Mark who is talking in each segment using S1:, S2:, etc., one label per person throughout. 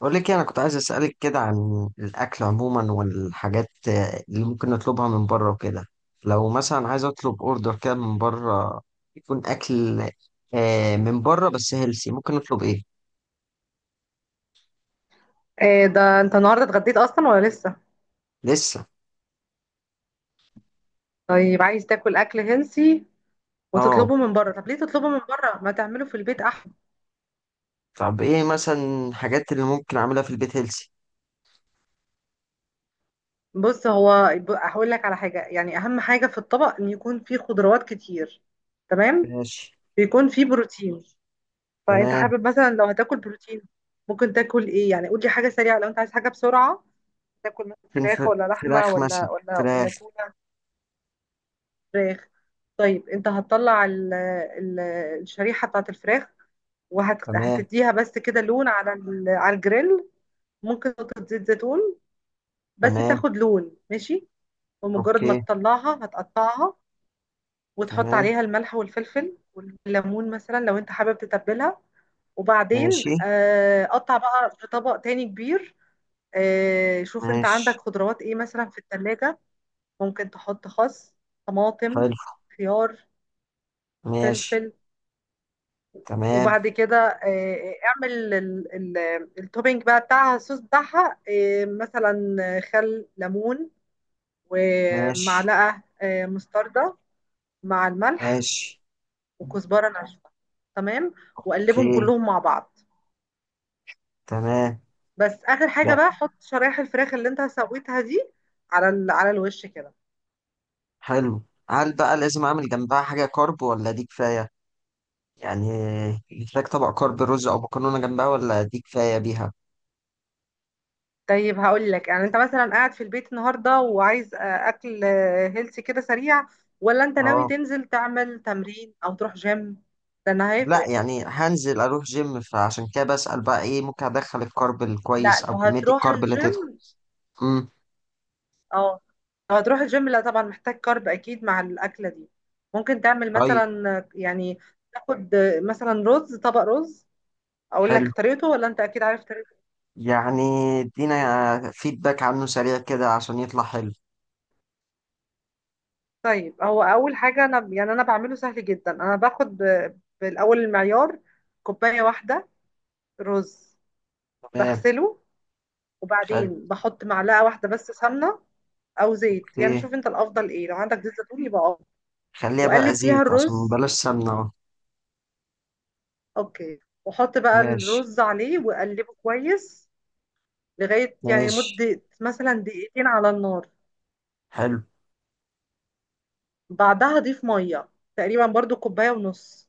S1: بقول لك إيه، انا كنت عايز اسالك كده عن الاكل عموما والحاجات اللي ممكن نطلبها من بره وكده. لو مثلا عايز اطلب اوردر كده من بره يكون اكل من بره بس هيلسي ممكن نطلب ايه؟
S2: ايه ده، انت النهارده اتغديت اصلا ولا لسه؟
S1: لسه.
S2: طيب عايز تاكل اكل هنسي
S1: اه.
S2: وتطلبه من بره؟ طب ليه تطلبه من بره؟ ما تعمله في البيت احسن.
S1: طب ايه مثلا الحاجات اللي ممكن اعملها في البيت هيلسي؟
S2: بص، هو هقول لك على حاجه، يعني اهم حاجه في الطبق ان يكون فيه خضروات كتير. تمام.
S1: ماشي.
S2: ويكون فيه بروتين. فانت
S1: تمام.
S2: حابب مثلا لو هتاكل بروتين، ممكن تاكل ايه؟ يعني قول لي حاجه سريعه، لو انت عايز حاجه بسرعه، تاكل مثلا
S1: فين ف-
S2: فراخ ولا لحمه
S1: فراخ مثلا.
S2: ولا
S1: فراخ.
S2: تونه؟ فراخ. طيب انت هتطلع الشريحه بتاعت الفراخ،
S1: تمام.
S2: وهتديها بس كده لون على على الجريل. ممكن نقطة زيت زيتون، بس
S1: تمام.
S2: تاخد لون. ماشي. ومجرد ما
S1: اوكي.
S2: تطلعها هتقطعها، وتحط
S1: تمام.
S2: عليها الملح والفلفل والليمون، مثلا لو انت حابب تتبلها. وبعدين
S1: ماشي.
S2: قطع بقى في طبق تاني كبير. شوف انت عندك
S1: ماشي.
S2: خضروات ايه مثلا في التلاجة. ممكن تحط خس، طماطم،
S1: حلو.
S2: خيار،
S1: ماشي.
S2: فلفل.
S1: تمام.
S2: وبعد كده اعمل ال- التوبينج بقى بتاعها، الصوص بتاعها، مثلا خل ليمون،
S1: ماشي.
S2: ومعلقة مستردة مع الملح،
S1: ماشي.
S2: وكزبرة ناشفة. تمام. وقلبهم
S1: اوكي.
S2: كلهم مع بعض.
S1: تمام.
S2: بس اخر حاجة
S1: لا.
S2: بقى، حط شرايح الفراخ اللي انت سويتها دي على على الوش كده.
S1: حلو. هل بقى لازم اعمل جنبها حاجة كارب ولا دي كفاية؟ يعني محتاج طبق كارب رز او مكرونة جنبها ولا دي كفاية بيها؟
S2: طيب هقول لك، يعني انت مثلا قاعد في البيت النهارده وعايز اكل هيلثي كده سريع، ولا انت ناوي
S1: اه.
S2: تنزل تعمل تمرين او تروح جيم؟ ده انا
S1: لا
S2: هيفرق.
S1: يعني هنزل اروح جيم، فعشان كده بسأل بقى ايه ممكن ادخل الكارب
S2: لا،
S1: الكويس او
S2: لو
S1: كمية
S2: هتروح
S1: الكارب اللي تدخل.
S2: الجيم،
S1: امم.
S2: اه، لو هتروح الجيم لا طبعا محتاج كارب اكيد مع الاكله دي. ممكن تعمل
S1: طيب.
S2: مثلا يعني، تاخد مثلا رز، طبق رز. اقول لك
S1: حلو.
S2: طريقته ولا انت اكيد عارف طريقته؟
S1: يعني ادينا فيدباك عنه سريع كده عشان يطلع حلو.
S2: طيب هو اول حاجه، انا يعني بعمله سهل جدا. انا باخد بالاول المعيار، كوبايه واحده رز.
S1: تمام.
S2: بغسله،
S1: خل...
S2: وبعدين بحط معلقه واحده بس سمنه او زيت، يعني
S1: اوكي.
S2: شوف انت الافضل ايه، لو عندك زيت زيتون يبقى افضل.
S1: خليها بقى
S2: واقلب فيها
S1: زيت عشان
S2: الرز.
S1: بلاش سمنة اهو.
S2: اوكي. واحط بقى
S1: ماشي.
S2: الرز عليه واقلبه كويس لغايه يعني
S1: ماشي.
S2: لمده مثلا دقيقتين على النار.
S1: حلو.
S2: بعدها اضيف ميه، تقريبا برضو كوبايه ونص،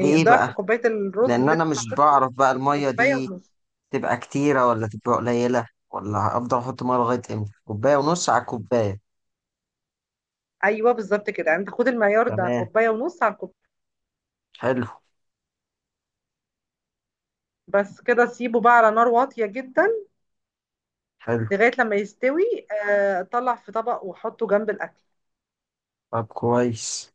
S1: دي ايه
S2: ضعف
S1: بقى؟
S2: كوبايه الرز
S1: لان
S2: اللي
S1: انا
S2: انت
S1: مش
S2: حطيت.
S1: بعرف بقى المية
S2: كوبايه
S1: دي
S2: ونص.
S1: تبقى كتيرة ولا تبقى قليلة ولا افضل احط مية لغاية امتى، كوباية ونص على الكوباية؟
S2: ايوه، بالظبط كده. يعني انت خد المعيار ده،
S1: تمام.
S2: كوبايه ونص على الكوبايه.
S1: حلو.
S2: بس كده، سيبه بقى على نار واطيه جدا
S1: حلو.
S2: لغايه لما يستوي. طلع في طبق وحطه جنب الاكل.
S1: طب كويس.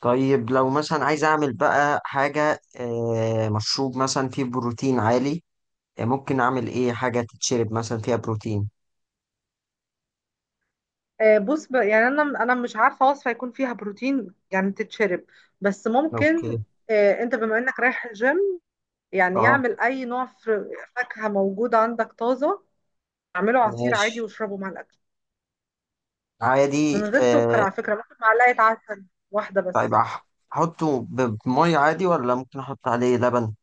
S1: طيب لو مثلا عايز اعمل بقى حاجة مشروب مثلا فيه بروتين عالي، ممكن اعمل ايه حاجة تتشرب مثلا فيها بروتين؟
S2: بص، يعني انا مش عارفه وصفه يكون فيها بروتين يعني تتشرب، بس
S1: اوكي.
S2: ممكن. انت بما انك رايح الجيم، يعني
S1: اه.
S2: اعمل اي نوع فاكهه موجود عندك طازه، اعمله عصير عادي
S1: ماشي.
S2: واشربه مع الاكل. من
S1: عادي.
S2: غير سكر على فكره، ممكن معلقه عسل واحده
S1: طيب
S2: بس.
S1: احطه بمية عادي ولا ممكن احط عليه لبن؟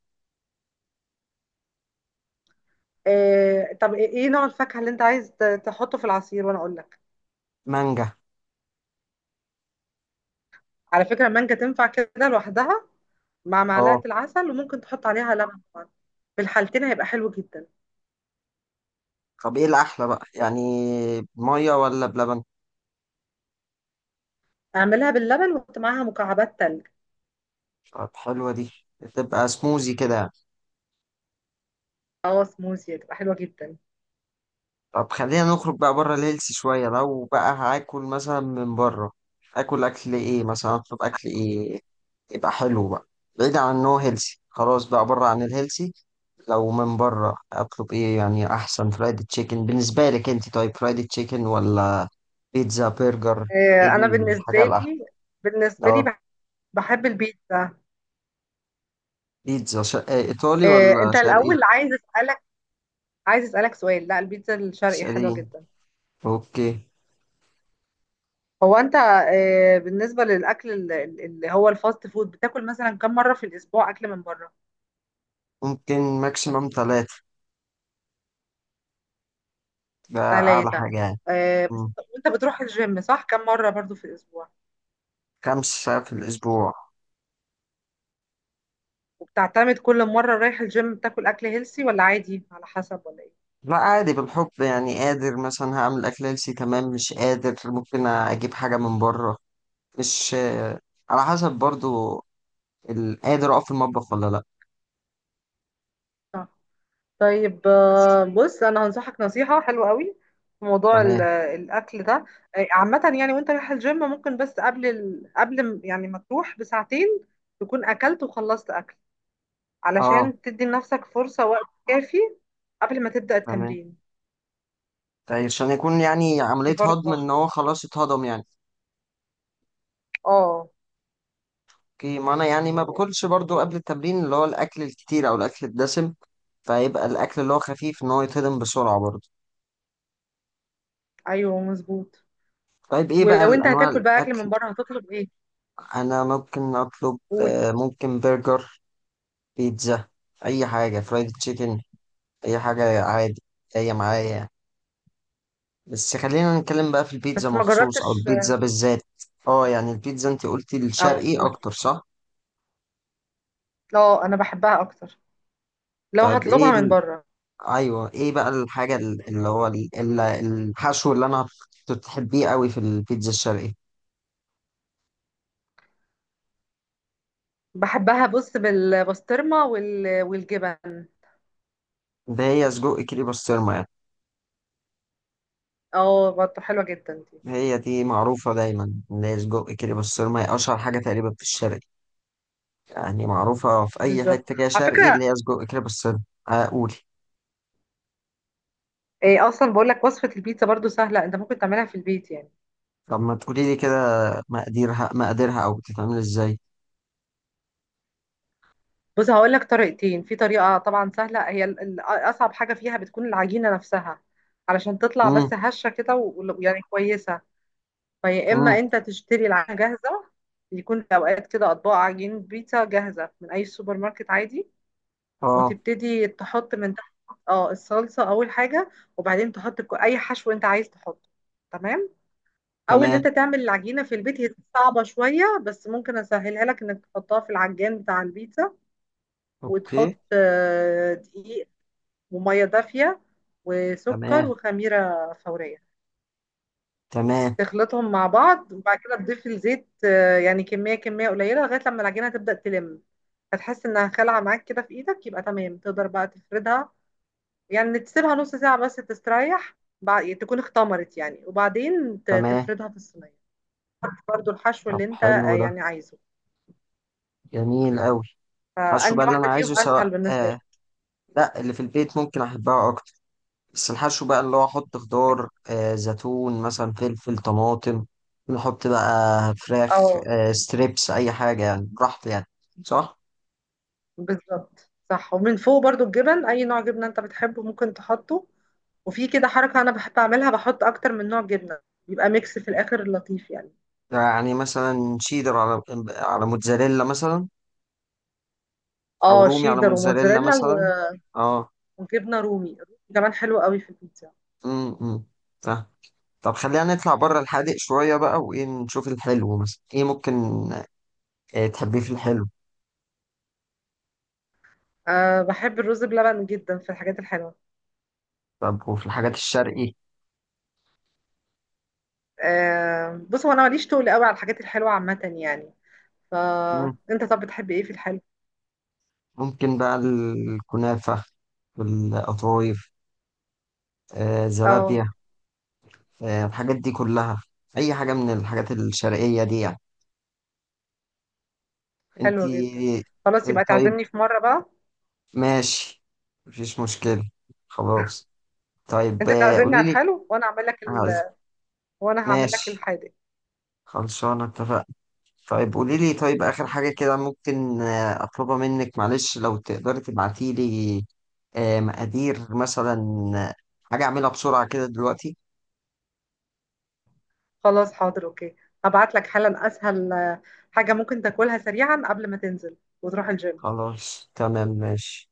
S2: طب ايه، نوع الفاكهه اللي انت عايز تحطه في العصير وانا اقول لك؟
S1: مانجا.
S2: على فكره، المانجا تنفع كده لوحدها مع
S1: اه.
S2: معلقه العسل، وممكن تحط عليها لبن طبعا. في الحالتين هيبقى حلو جدا.
S1: طب ايه الاحلى بقى يعني، بميه ولا بلبن؟
S2: اعملها باللبن وحط معاها مكعبات تلج.
S1: طب حلوه دي. تبقى سموزي كده يعني.
S2: اه، سموزي هتبقى حلوة جدا.
S1: طب خلينا نخرج بقى بره الهيلثي شويه، لو بقى هاكل مثلا من بره اكل، اكل ايه مثلا، اطلب اكل ايه يبقى حلو بقى بعيد عن انه هيلثي؟ خلاص بقى بره عن الهيلثي، لو من بره اطلب ايه يعني احسن؟ فرايد تشيكن بالنسبه لك انت، طيب فرايد تشيكن ولا بيتزا برجر؟ ايه
S2: انا
S1: الحاجه
S2: بالنسبة
S1: الاحلى؟
S2: لي، بالنسبة لي
S1: اه.
S2: بح- بحب البيتزا.
S1: بيتزا شرق ايطالي ولا
S2: انت
S1: شرقي؟
S2: الاول، عايز اسألك سؤال. لا، البيتزا الشرقي حلوة
S1: شرقي.
S2: جدا.
S1: اوكي.
S2: هو انت بالنسبة للاكل اللي هو الفاست فود، بتاكل مثلا كم مرة في الاسبوع اكل من بره؟
S1: ممكن ماكسيموم ثلاثة، ده أعلى
S2: ثلاثة؟
S1: حاجة يعني.
S2: بس
S1: مم.
S2: انت، وانت بتروح الجيم صح، كم مرة برضو في الاسبوع؟
S1: 5 ساعات في الأسبوع.
S2: وبتعتمد كل مرة رايح الجيم بتاكل اكل هيلسي ولا عادي على حسب، ولا ايه؟
S1: لا عادي بالحب يعني، قادر مثلا هعمل أكل هيلسي تمام، مش قادر ممكن أجيب حاجة من بره. مش. على حسب برضو، قادر أقف في المطبخ ولا لأ.
S2: صح. طيب،
S1: بس.
S2: بص انا هنصحك نصيحه حلوه قوي في موضوع
S1: تمام.
S2: الاكل ده. عامه يعني، وانت رايح الجيم، ممكن بس يعني ما تروح بساعتين تكون اكلت وخلصت اكل،
S1: أه.
S2: علشان تدي لنفسك فرصه، وقت كافي قبل ما تبدا
S1: تمام.
S2: التمرين.
S1: طيب عشان يكون يعني
S2: دي
S1: عملية هضم،
S2: برضه.
S1: إن هو خلاص اتهضم يعني.
S2: اه.
S1: أوكي، ما أنا يعني ما باكلش برضو قبل التمرين اللي هو الأكل الكتير أو الأكل الدسم، فيبقى الأكل اللي هو خفيف إن هو يتهضم بسرعة برضو.
S2: ايوه مظبوط.
S1: طيب ايه بقى
S2: ولو انت
S1: الانواع
S2: هتاكل بقى اكل من
S1: الاكل؟
S2: بره، هتطلب ايه؟
S1: انا ممكن اطلب
S2: قول.
S1: ممكن برجر، بيتزا، اي حاجه فرايد تشيكن، اي حاجه عادي جايه معايا. بس خلينا نتكلم بقى في البيتزا
S2: بس ما
S1: مخصوص، او
S2: جربتش.
S1: البيتزا بالذات. اه يعني البيتزا انت قلتي
S2: اه،
S1: الشرقي
S2: قول.
S1: اكتر، صح؟
S2: لا، انا بحبها اكتر لو
S1: طيب ايه
S2: هطلبها من بره.
S1: ايوه، ايه بقى الحاجه اللي هو الحشو اللي انا كنت بتحبيه قوي في البيتزا الشرقي؟
S2: بحبها، بص، بالبسطرمة والجبن.
S1: ده هي سجق كيري بسطرمه يعني.
S2: اه، برضه حلوة جدا دي،
S1: هي دي معروفه دايما ان هي سجق كيري بسطرمه، هي اشهر حاجه تقريبا في الشرق. يعني معروفة في أي
S2: بالظبط.
S1: حتة كده
S2: على
S1: شرقي
S2: فكرة،
S1: اللي هي سجق كده بالسن. أقول.
S2: إيه اصلا بقول لك وصفة البيتزا برضه سهلة، انت ممكن تعملها في البيت يعني.
S1: طب ما تقولي لي كده مقاديرها، مقاديرها أو بتتعمل إزاي؟
S2: بص، هقول لك طريقتين. في طريقة طبعا سهلة، هي اصعب حاجة فيها بتكون العجينة نفسها، علشان تطلع
S1: مم.
S2: بس هشة كده ويعني كويسة. فيا اما
S1: مم.
S2: انت تشتري العجينة جاهزة، يكون في اوقات كده اطباق عجين بيتزا جاهزة من اي سوبر ماركت عادي،
S1: أه.
S2: وتبتدي تحط من تحت، اه، الصلصة أول حاجة، وبعدين تحط أي حشو أنت عايز تحطه. تمام. أو إن
S1: تمام.
S2: أنت تعمل العجينة في البيت، هي صعبة شوية، بس ممكن أسهلها لك إنك تحطها في العجان بتاع البيتزا، وتحط
S1: أوكي.
S2: دقيق، ومية دافية، وسكر،
S1: تمام.
S2: وخميرة فورية.
S1: تمام.
S2: تخلطهم مع بعض، وبعد كده تضيف الزيت، يعني كمية قليلة لغاية لما العجينة تبدأ تلم. هتحس إنها خلعة معاك كده في إيدك، يبقى تمام تقدر بقى تفردها. يعني تسيبها نص ساعة بس تستريح، بعد تكون اختمرت يعني، وبعدين
S1: تمام.
S2: تفردها في الصينية. حط برضو الحشو
S1: طب
S2: اللي انت
S1: حلو ده،
S2: يعني عايزه.
S1: جميل أوي. الحشو بقى
S2: فأنهي
S1: اللي أنا
S2: واحدة فيهم
S1: عايزه سواء
S2: أسهل بالنسبة لك؟
S1: آه. لا اللي في البيت ممكن أحبها أكتر. بس الحشو بقى اللي هو أحط خضار، زيتون مثلا، فلفل، طماطم، نحط بقى فراخ،
S2: اه،
S1: ستريبس، أي حاجة يعني، براحتي يعني، صح؟
S2: بالظبط صح. ومن فوق برضو الجبن، أي نوع جبنة انت بتحبه ممكن تحطه. وفي كده حركة أنا بحب أعملها، بحط أكتر من نوع جبنة، يبقى ميكس في الآخر لطيف يعني.
S1: يعني مثلا شيدر على موتزاريلا مثلا. او
S2: اه،
S1: رومي على
S2: شيدر
S1: موتزاريلا
S2: وموتزاريلا
S1: مثلا. اه.
S2: وجبنة رومي. الرومي كمان حلو قوي في البيتزا.
S1: امم. فاهم. طب خلينا نطلع بره الحادق شويه بقى، وايه نشوف الحلو مثلا ايه ممكن تحبيه في الحلو؟
S2: أه، بحب الرز بلبن جدا في الحاجات الحلوة.
S1: طب وفي الحاجات الشرقي؟
S2: بص، هو انا ماليش طول قوي على الحاجات الحلوه عامه يعني.
S1: مم.
S2: فانت، طب بتحب ايه في الحلو؟
S1: ممكن بقى الكنافه، والقطايف،
S2: اه،
S1: زلابيا، الحاجات دي كلها، اي حاجه من الحاجات الشرقيه دي يعني انت.
S2: حلوه جدا. خلاص، يبقى
S1: طيب.
S2: تعزمني في مره بقى.
S1: ماشي. مفيش مشكله. خلاص. طيب
S2: انت تعزمني
S1: قولي
S2: على
S1: لي.
S2: الحلو وانا اعمل لك
S1: عايز-
S2: وانا هعمل لك
S1: ماشي.
S2: الحادق.
S1: خلصانة. اتفقنا. طيب قولي لي، طيب آخر حاجة كده ممكن أطلبها منك، معلش لو تقدري تبعتي لي مقادير مثلا، آه، حاجة أعملها بسرعة كده دلوقتي.
S2: خلاص، حاضر. اوكي، هبعت لك حالا اسهل حاجه ممكن تاكلها سريعا قبل ما تنزل وتروح الجيم.
S1: خلاص. تمام. ماشي.